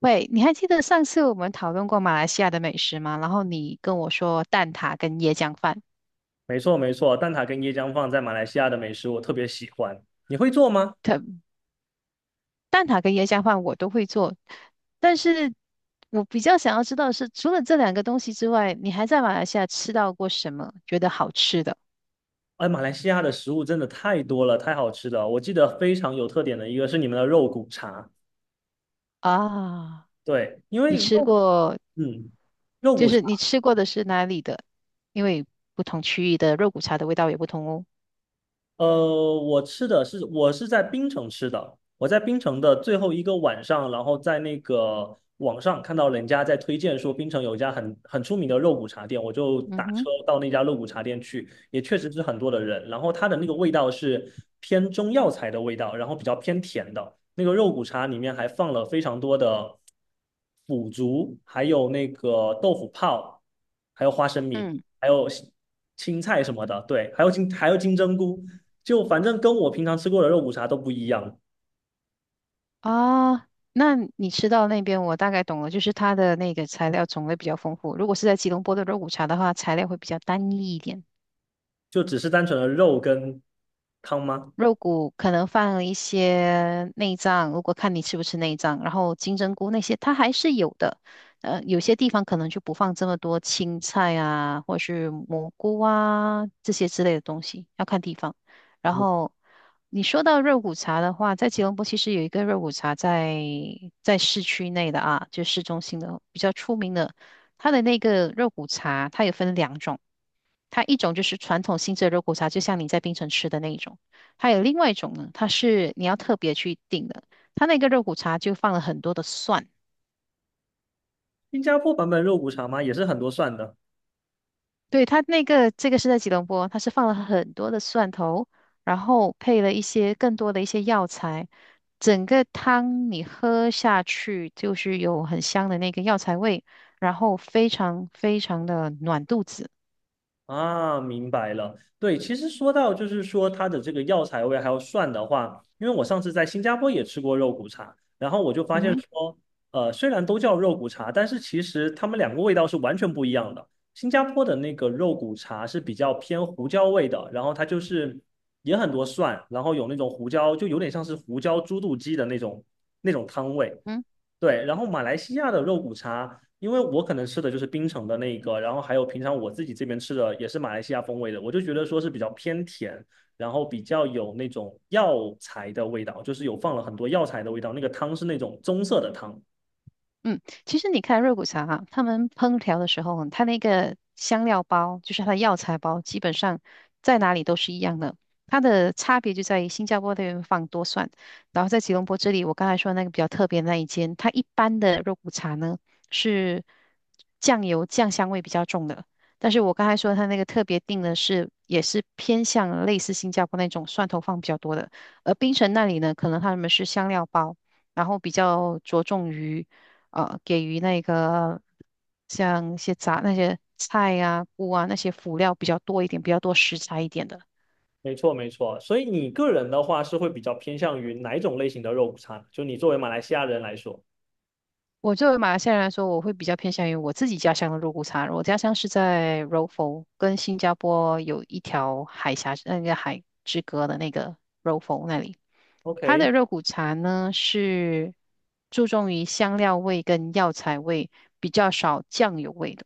喂，你还记得上次我们讨论过马来西亚的美食吗？然后你跟我说蛋挞跟椰浆饭，没错没错，蛋挞跟椰浆放在马来西亚的美食我特别喜欢。你会做吗？蛋挞跟椰浆饭我都会做，但是我比较想要知道的是，除了这两个东西之外，你还在马来西亚吃到过什么觉得好吃的哎，马来西亚的食物真的太多了，太好吃了。我记得非常有特点的一个是你们的肉骨茶，啊？对，因你为吃肉，过，嗯，肉就骨是你茶。吃过的是哪里的？因为不同区域的肉骨茶的味道也不同哦。我吃的是我是在槟城吃的，我在槟城的最后一个晚上，然后在那个网上看到人家在推荐说槟城有一家很出名的肉骨茶店，我就嗯打哼。车到那家肉骨茶店去，也确实是很多的人，然后它的那个味道是偏中药材的味道，然后比较偏甜的，那个肉骨茶里面还放了非常多的腐竹，还有那个豆腐泡，还有花生米，嗯。还有青菜什么的，对，还有金针菇。就反正跟我平常吃过的肉骨茶都不一样，啊，那你吃到那边，我大概懂了，就是它的那个材料种类比较丰富。如果是在吉隆坡的肉骨茶的话，材料会比较单一一点。就只是单纯的肉跟汤吗？肉骨可能放了一些内脏，如果看你吃不吃内脏，然后金针菇那些它还是有的。有些地方可能就不放这么多青菜啊，或者是蘑菇啊这些之类的东西，要看地方。然后你说到肉骨茶的话，在吉隆坡其实有一个肉骨茶在市区内的啊，就市中心的比较出名的，它的那个肉骨茶它有分两种。它一种就是传统性质的肉骨茶，就像你在槟城吃的那一种。还有另外一种呢，它是你要特别去订的。它那个肉骨茶就放了很多的蒜，新加坡版本肉骨茶吗？也是很多蒜的。对，它那个这个是在吉隆坡，它是放了很多的蒜头，然后配了一些更多的一些药材。整个汤你喝下去就是有很香的那个药材味，然后非常非常的暖肚子。啊，明白了。对，其实说到就是说它的这个药材味还有蒜的话，因为我上次在新加坡也吃过肉骨茶，然后我就发嗯现哼。说，虽然都叫肉骨茶，但是其实它们两个味道是完全不一样的。新加坡的那个肉骨茶是比较偏胡椒味的，然后它就是也很多蒜，然后有那种胡椒，就有点像是胡椒猪肚鸡的那种汤味。嗯。对，然后马来西亚的肉骨茶，因为我可能吃的就是槟城的那一个，然后还有平常我自己这边吃的也是马来西亚风味的，我就觉得说是比较偏甜，然后比较有那种药材的味道，就是有放了很多药材的味道，那个汤是那种棕色的汤。嗯，其实你看肉骨茶啊，他们烹调的时候，它那个香料包，就是它的药材包，基本上在哪里都是一样的。它的差别就在于新加坡那边放多蒜，然后在吉隆坡这里，我刚才说那个比较特别的那一间，它一般的肉骨茶呢是酱油酱香味比较重的，但是我刚才说它那个特别定的是也是偏向类似新加坡那种蒜头放比较多的，而槟城那里呢，可能他们是香料包。然后比较着重于给予那个像一些杂那些菜呀、菇啊那些辅料比较多一点，比较多食材一点的。没错，没错。所以你个人的话是会比较偏向于哪一种类型的肉骨茶呢？就你作为马来西亚人来说我作为马来西亚人来说，我会比较偏向于我自己家乡的肉骨茶。我家乡是在柔佛，跟新加坡有一条海峡那个海之隔的那个柔佛那里。它，OK。的肉骨茶呢是注重于香料味跟药材味，比较少酱油味的。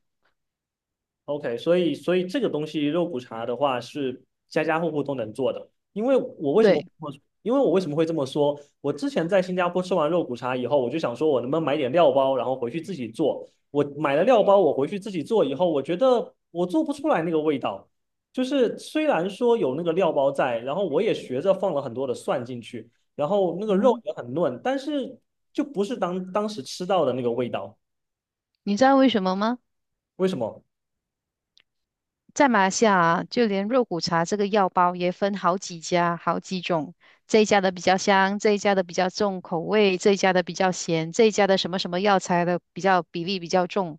OK,所以这个东西肉骨茶的话是家家户户都能做的，因为我为什么对。因为我为什么会这么说？我之前在新加坡吃完肉骨茶以后，我就想说，我能不能买点料包，然后回去自己做。我买了料包，我回去自己做以后，我觉得我做不出来那个味道。就是虽然说有那个料包在，然后我也学着放了很多的蒜进去，然后那个嗯肉哼。也很嫩，但是就不是当时吃到的那个味道。你知道为什么吗？为什么？在马来西亚啊，就连肉骨茶这个药包也分好几家、好几种。这一家的比较香，这一家的比较重口味，这一家的比较咸，这一家的什么什么药材的比较比例比较重。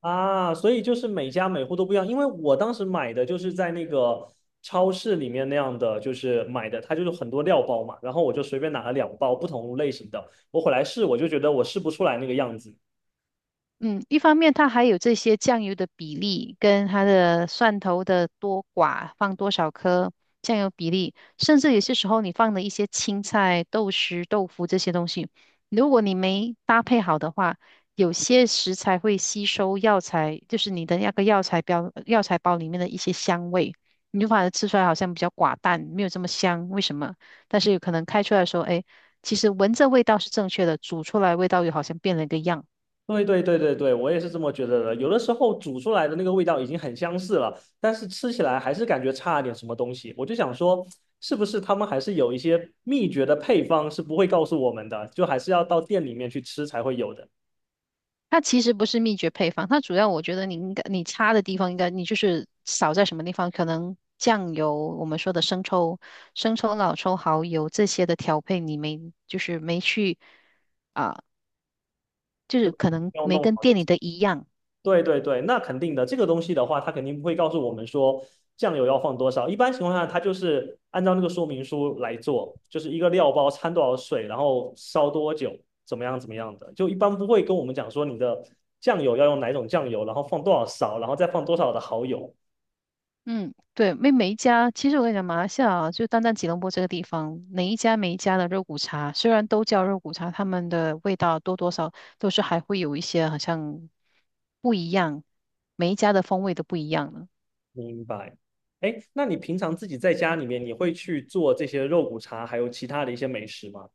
啊，所以就是每家每户都不一样，因为我当时买的就是在那个超市里面那样的，就是买的，它就是很多料包嘛，然后我就随便拿了两包不同类型的，我回来试，我就觉得我试不出来那个样子。嗯，一方面它还有这些酱油的比例，跟它的蒜头的多寡，放多少颗酱油比例，甚至有些时候你放的一些青菜、豆豉、豆腐这些东西，如果你没搭配好的话，有些食材会吸收药材，就是你的那个药材标药材包里面的一些香味，你就反而吃出来好像比较寡淡，没有这么香，为什么？但是有可能开出来说，哎，其实闻着味道是正确的，煮出来味道又好像变了一个样。对对对对对，我也是这么觉得的。有的时候煮出来的那个味道已经很相似了，但是吃起来还是感觉差了点什么东西。我就想说，是不是他们还是有一些秘诀的配方是不会告诉我们的，就还是要到店里面去吃才会有的，它其实不是秘诀配方，它主要我觉得你应该你差的地方应该你就是少在什么地方，可能酱油我们说的生抽、老抽、蚝油这些的调配你没就是没去啊，就是就可能要没弄跟好。店里的一样。对对对，那肯定的。这个东西的话，它肯定不会告诉我们说酱油要放多少。一般情况下，它就是按照那个说明书来做，就是一个料包掺多少水，然后烧多久，怎么样怎么样的。就一般不会跟我们讲说你的酱油要用哪种酱油，然后放多少勺，然后再放多少的蚝油。嗯，对，每一家，其实我跟你讲，马来西亚啊就单单吉隆坡这个地方，每一家每一家的肉骨茶，虽然都叫肉骨茶，他们的味道多多少都是还会有一些好像不一样，每一家的风味都不一样呢。明白。哎，那你平常自己在家里面，你会去做这些肉骨茶，还有其他的一些美食吗？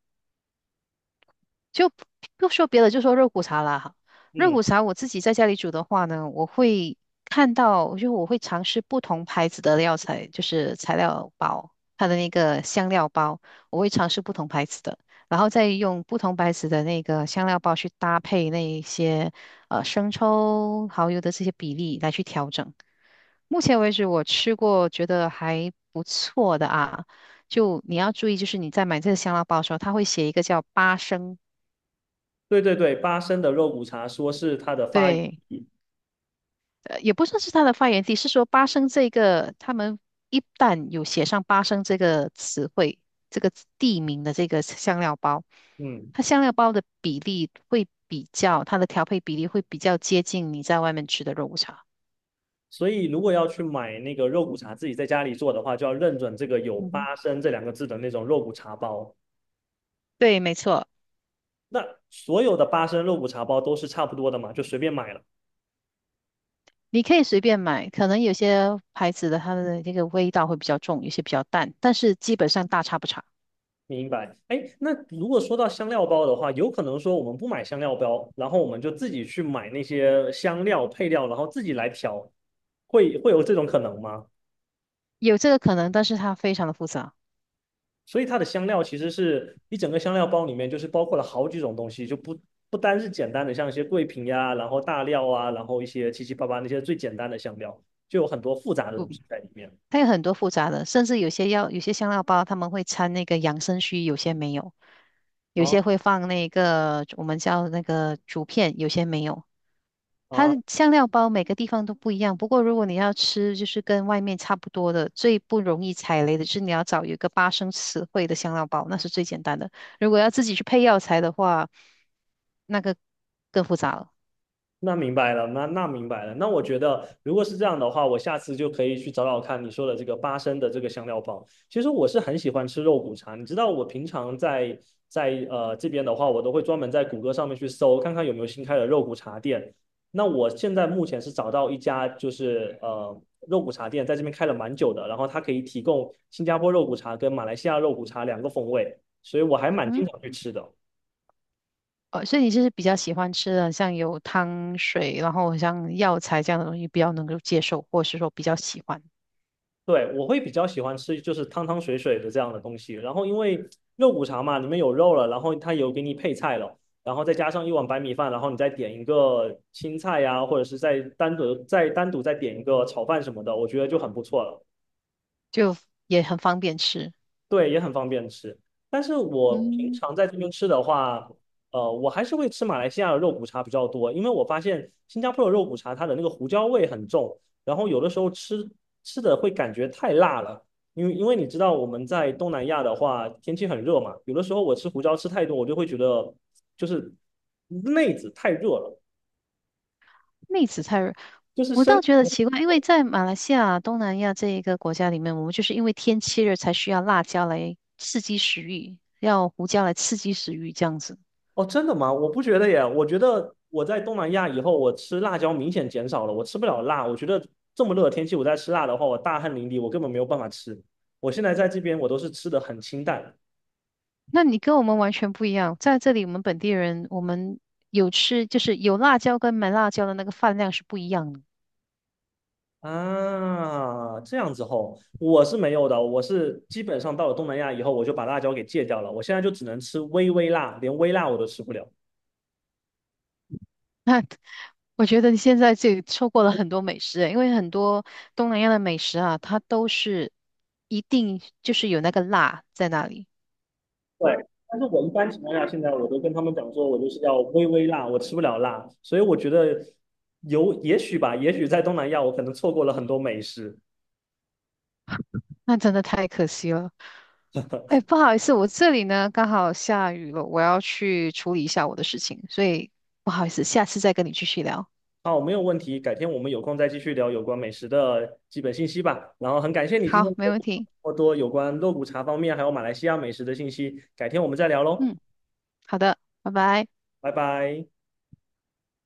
就不说别的，就说肉骨茶啦哈。肉嗯，骨茶我自己在家里煮的话呢，我会看到，就我会尝试不同牌子的料材，就是材料包，它的那个香料包，我会尝试不同牌子的，然后再用不同牌子的那个香料包去搭配那一些生抽、蚝油的这些比例来去调整。目前为止，我吃过觉得还不错的啊。就你要注意，就是你在买这个香料包的时候，它会写一个叫八升，对对对，八升的肉骨茶说是它的发源。对，也不算是它的发源地，是说巴生这个，他们一旦有写上巴生这个词汇、这个地名的这个香料包，嗯。它香料包的比例会比较，它的调配比例会比较接近你在外面吃的肉骨茶。所以如果要去买那个肉骨茶，自己在家里做的话，就要认准这个有嗯哼，“八升"这两个字的那种肉骨茶包。对，没错，那所有的八升肉骨茶包都是差不多的嘛，就随便买了。你可以随便买，可能有些牌子的它的这个味道会比较重，有些比较淡，但是基本上大差不差，明白。哎，那如果说到香料包的话，有可能说我们不买香料包，然后我们就自己去买那些香料配料，然后自己来调，会有这种可能吗？有这个可能，但是它非常的复杂。所以它的香料其实是一整个香料包里面，就是包括了好几种东西，就不单是简单的像一些桂皮呀、啊然后大料啊，然后一些七七八八那些最简单的香料，就有很多复杂的东西在里面。它有很多复杂的，甚至有些药，有些香料包他们会掺那个养生须，有些没有，有啊些会放那个我们叫那个竹片，有些没有。它啊，的香料包每个地方都不一样，不过如果你要吃就是跟外面差不多的，最不容易踩雷的是你要找有一个八生词汇的香料包，那是最简单的。如果要自己去配药材的话，那个更复杂了。那明白了，那明白了。那我觉得，如果是这样的话，我下次就可以去找找看你说的这个八升的这个香料包。其实我是很喜欢吃肉骨茶，你知道，我平常在在这边的话，我都会专门在谷歌上面去搜，看看有没有新开的肉骨茶店。那我现在目前是找到一家，就是肉骨茶店，在这边开了蛮久的，然后它可以提供新加坡肉骨茶跟马来西亚肉骨茶两个风味，所以我还嗯蛮经哼。常去吃的。所以你就是比较喜欢吃的，像有汤水，然后像药材这样的东西，比较能够接受，或是说比较喜欢，对，我会比较喜欢吃就是汤汤水水的这样的东西。然后因为肉骨茶嘛，里面有肉了，然后它有给你配菜了，然后再加上一碗白米饭，然后你再点一个青菜呀、或者是再单独再点一个炒饭什么的，我觉得就很不错了。就也很方便吃。对，也很方便吃。但是我平嗯，常在这边吃的话，我还是会吃马来西亚的肉骨茶比较多，因为我发现新加坡的肉骨茶它的那个胡椒味很重，然后有的时候吃的会感觉太辣了，因为你知道我们在东南亚的话天气很热嘛，有的时候我吃胡椒吃太多，我就会觉得就是内子太热了，妹子菜，就是我身。倒觉得奇怪，因为在马来西亚、东南亚这一个国家里面，我们就是因为天气热才需要辣椒来刺激食欲，要胡椒来刺激食欲这样子。哦，真的吗？我不觉得耶，我觉得我在东南亚以后，我吃辣椒明显减少了，我吃不了辣。我觉得这么热的天气，我再吃辣的话，我大汗淋漓，我根本没有办法吃。我现在在这边，我都是吃的很清淡那你跟我们完全不一样，在这里我们本地人，我们有吃就是有辣椒跟没辣椒的那个饭量是不一样的。啊，这样子吼，我是没有的，我是基本上到了东南亚以后，我就把辣椒给戒掉了，我现在就只能吃微微辣，连微辣我都吃不了。那我觉得你现在这里错过了很多美食，因为很多东南亚的美食啊，它都是一定就是有那个辣在那里，对，但是我一般情况下，现在我都跟他们讲说，我就是要微微辣，我吃不了辣，所以我觉得有也许吧，也许在东南亚我可能错过了很多美食。那真的太可惜了。哎，不好意思，我这里呢刚好下雨了，我要去处理一下我的事情，所以不好意思，下次再跟你继续聊。好，没有问题，改天我们有空再继续聊有关美食的基本信息吧。然后很感谢你今好，天给没我分问享题。这么多有关肉骨茶方面还有马来西亚美食的信息，改天我们再聊喽，嗯，好的，拜拜。拜拜。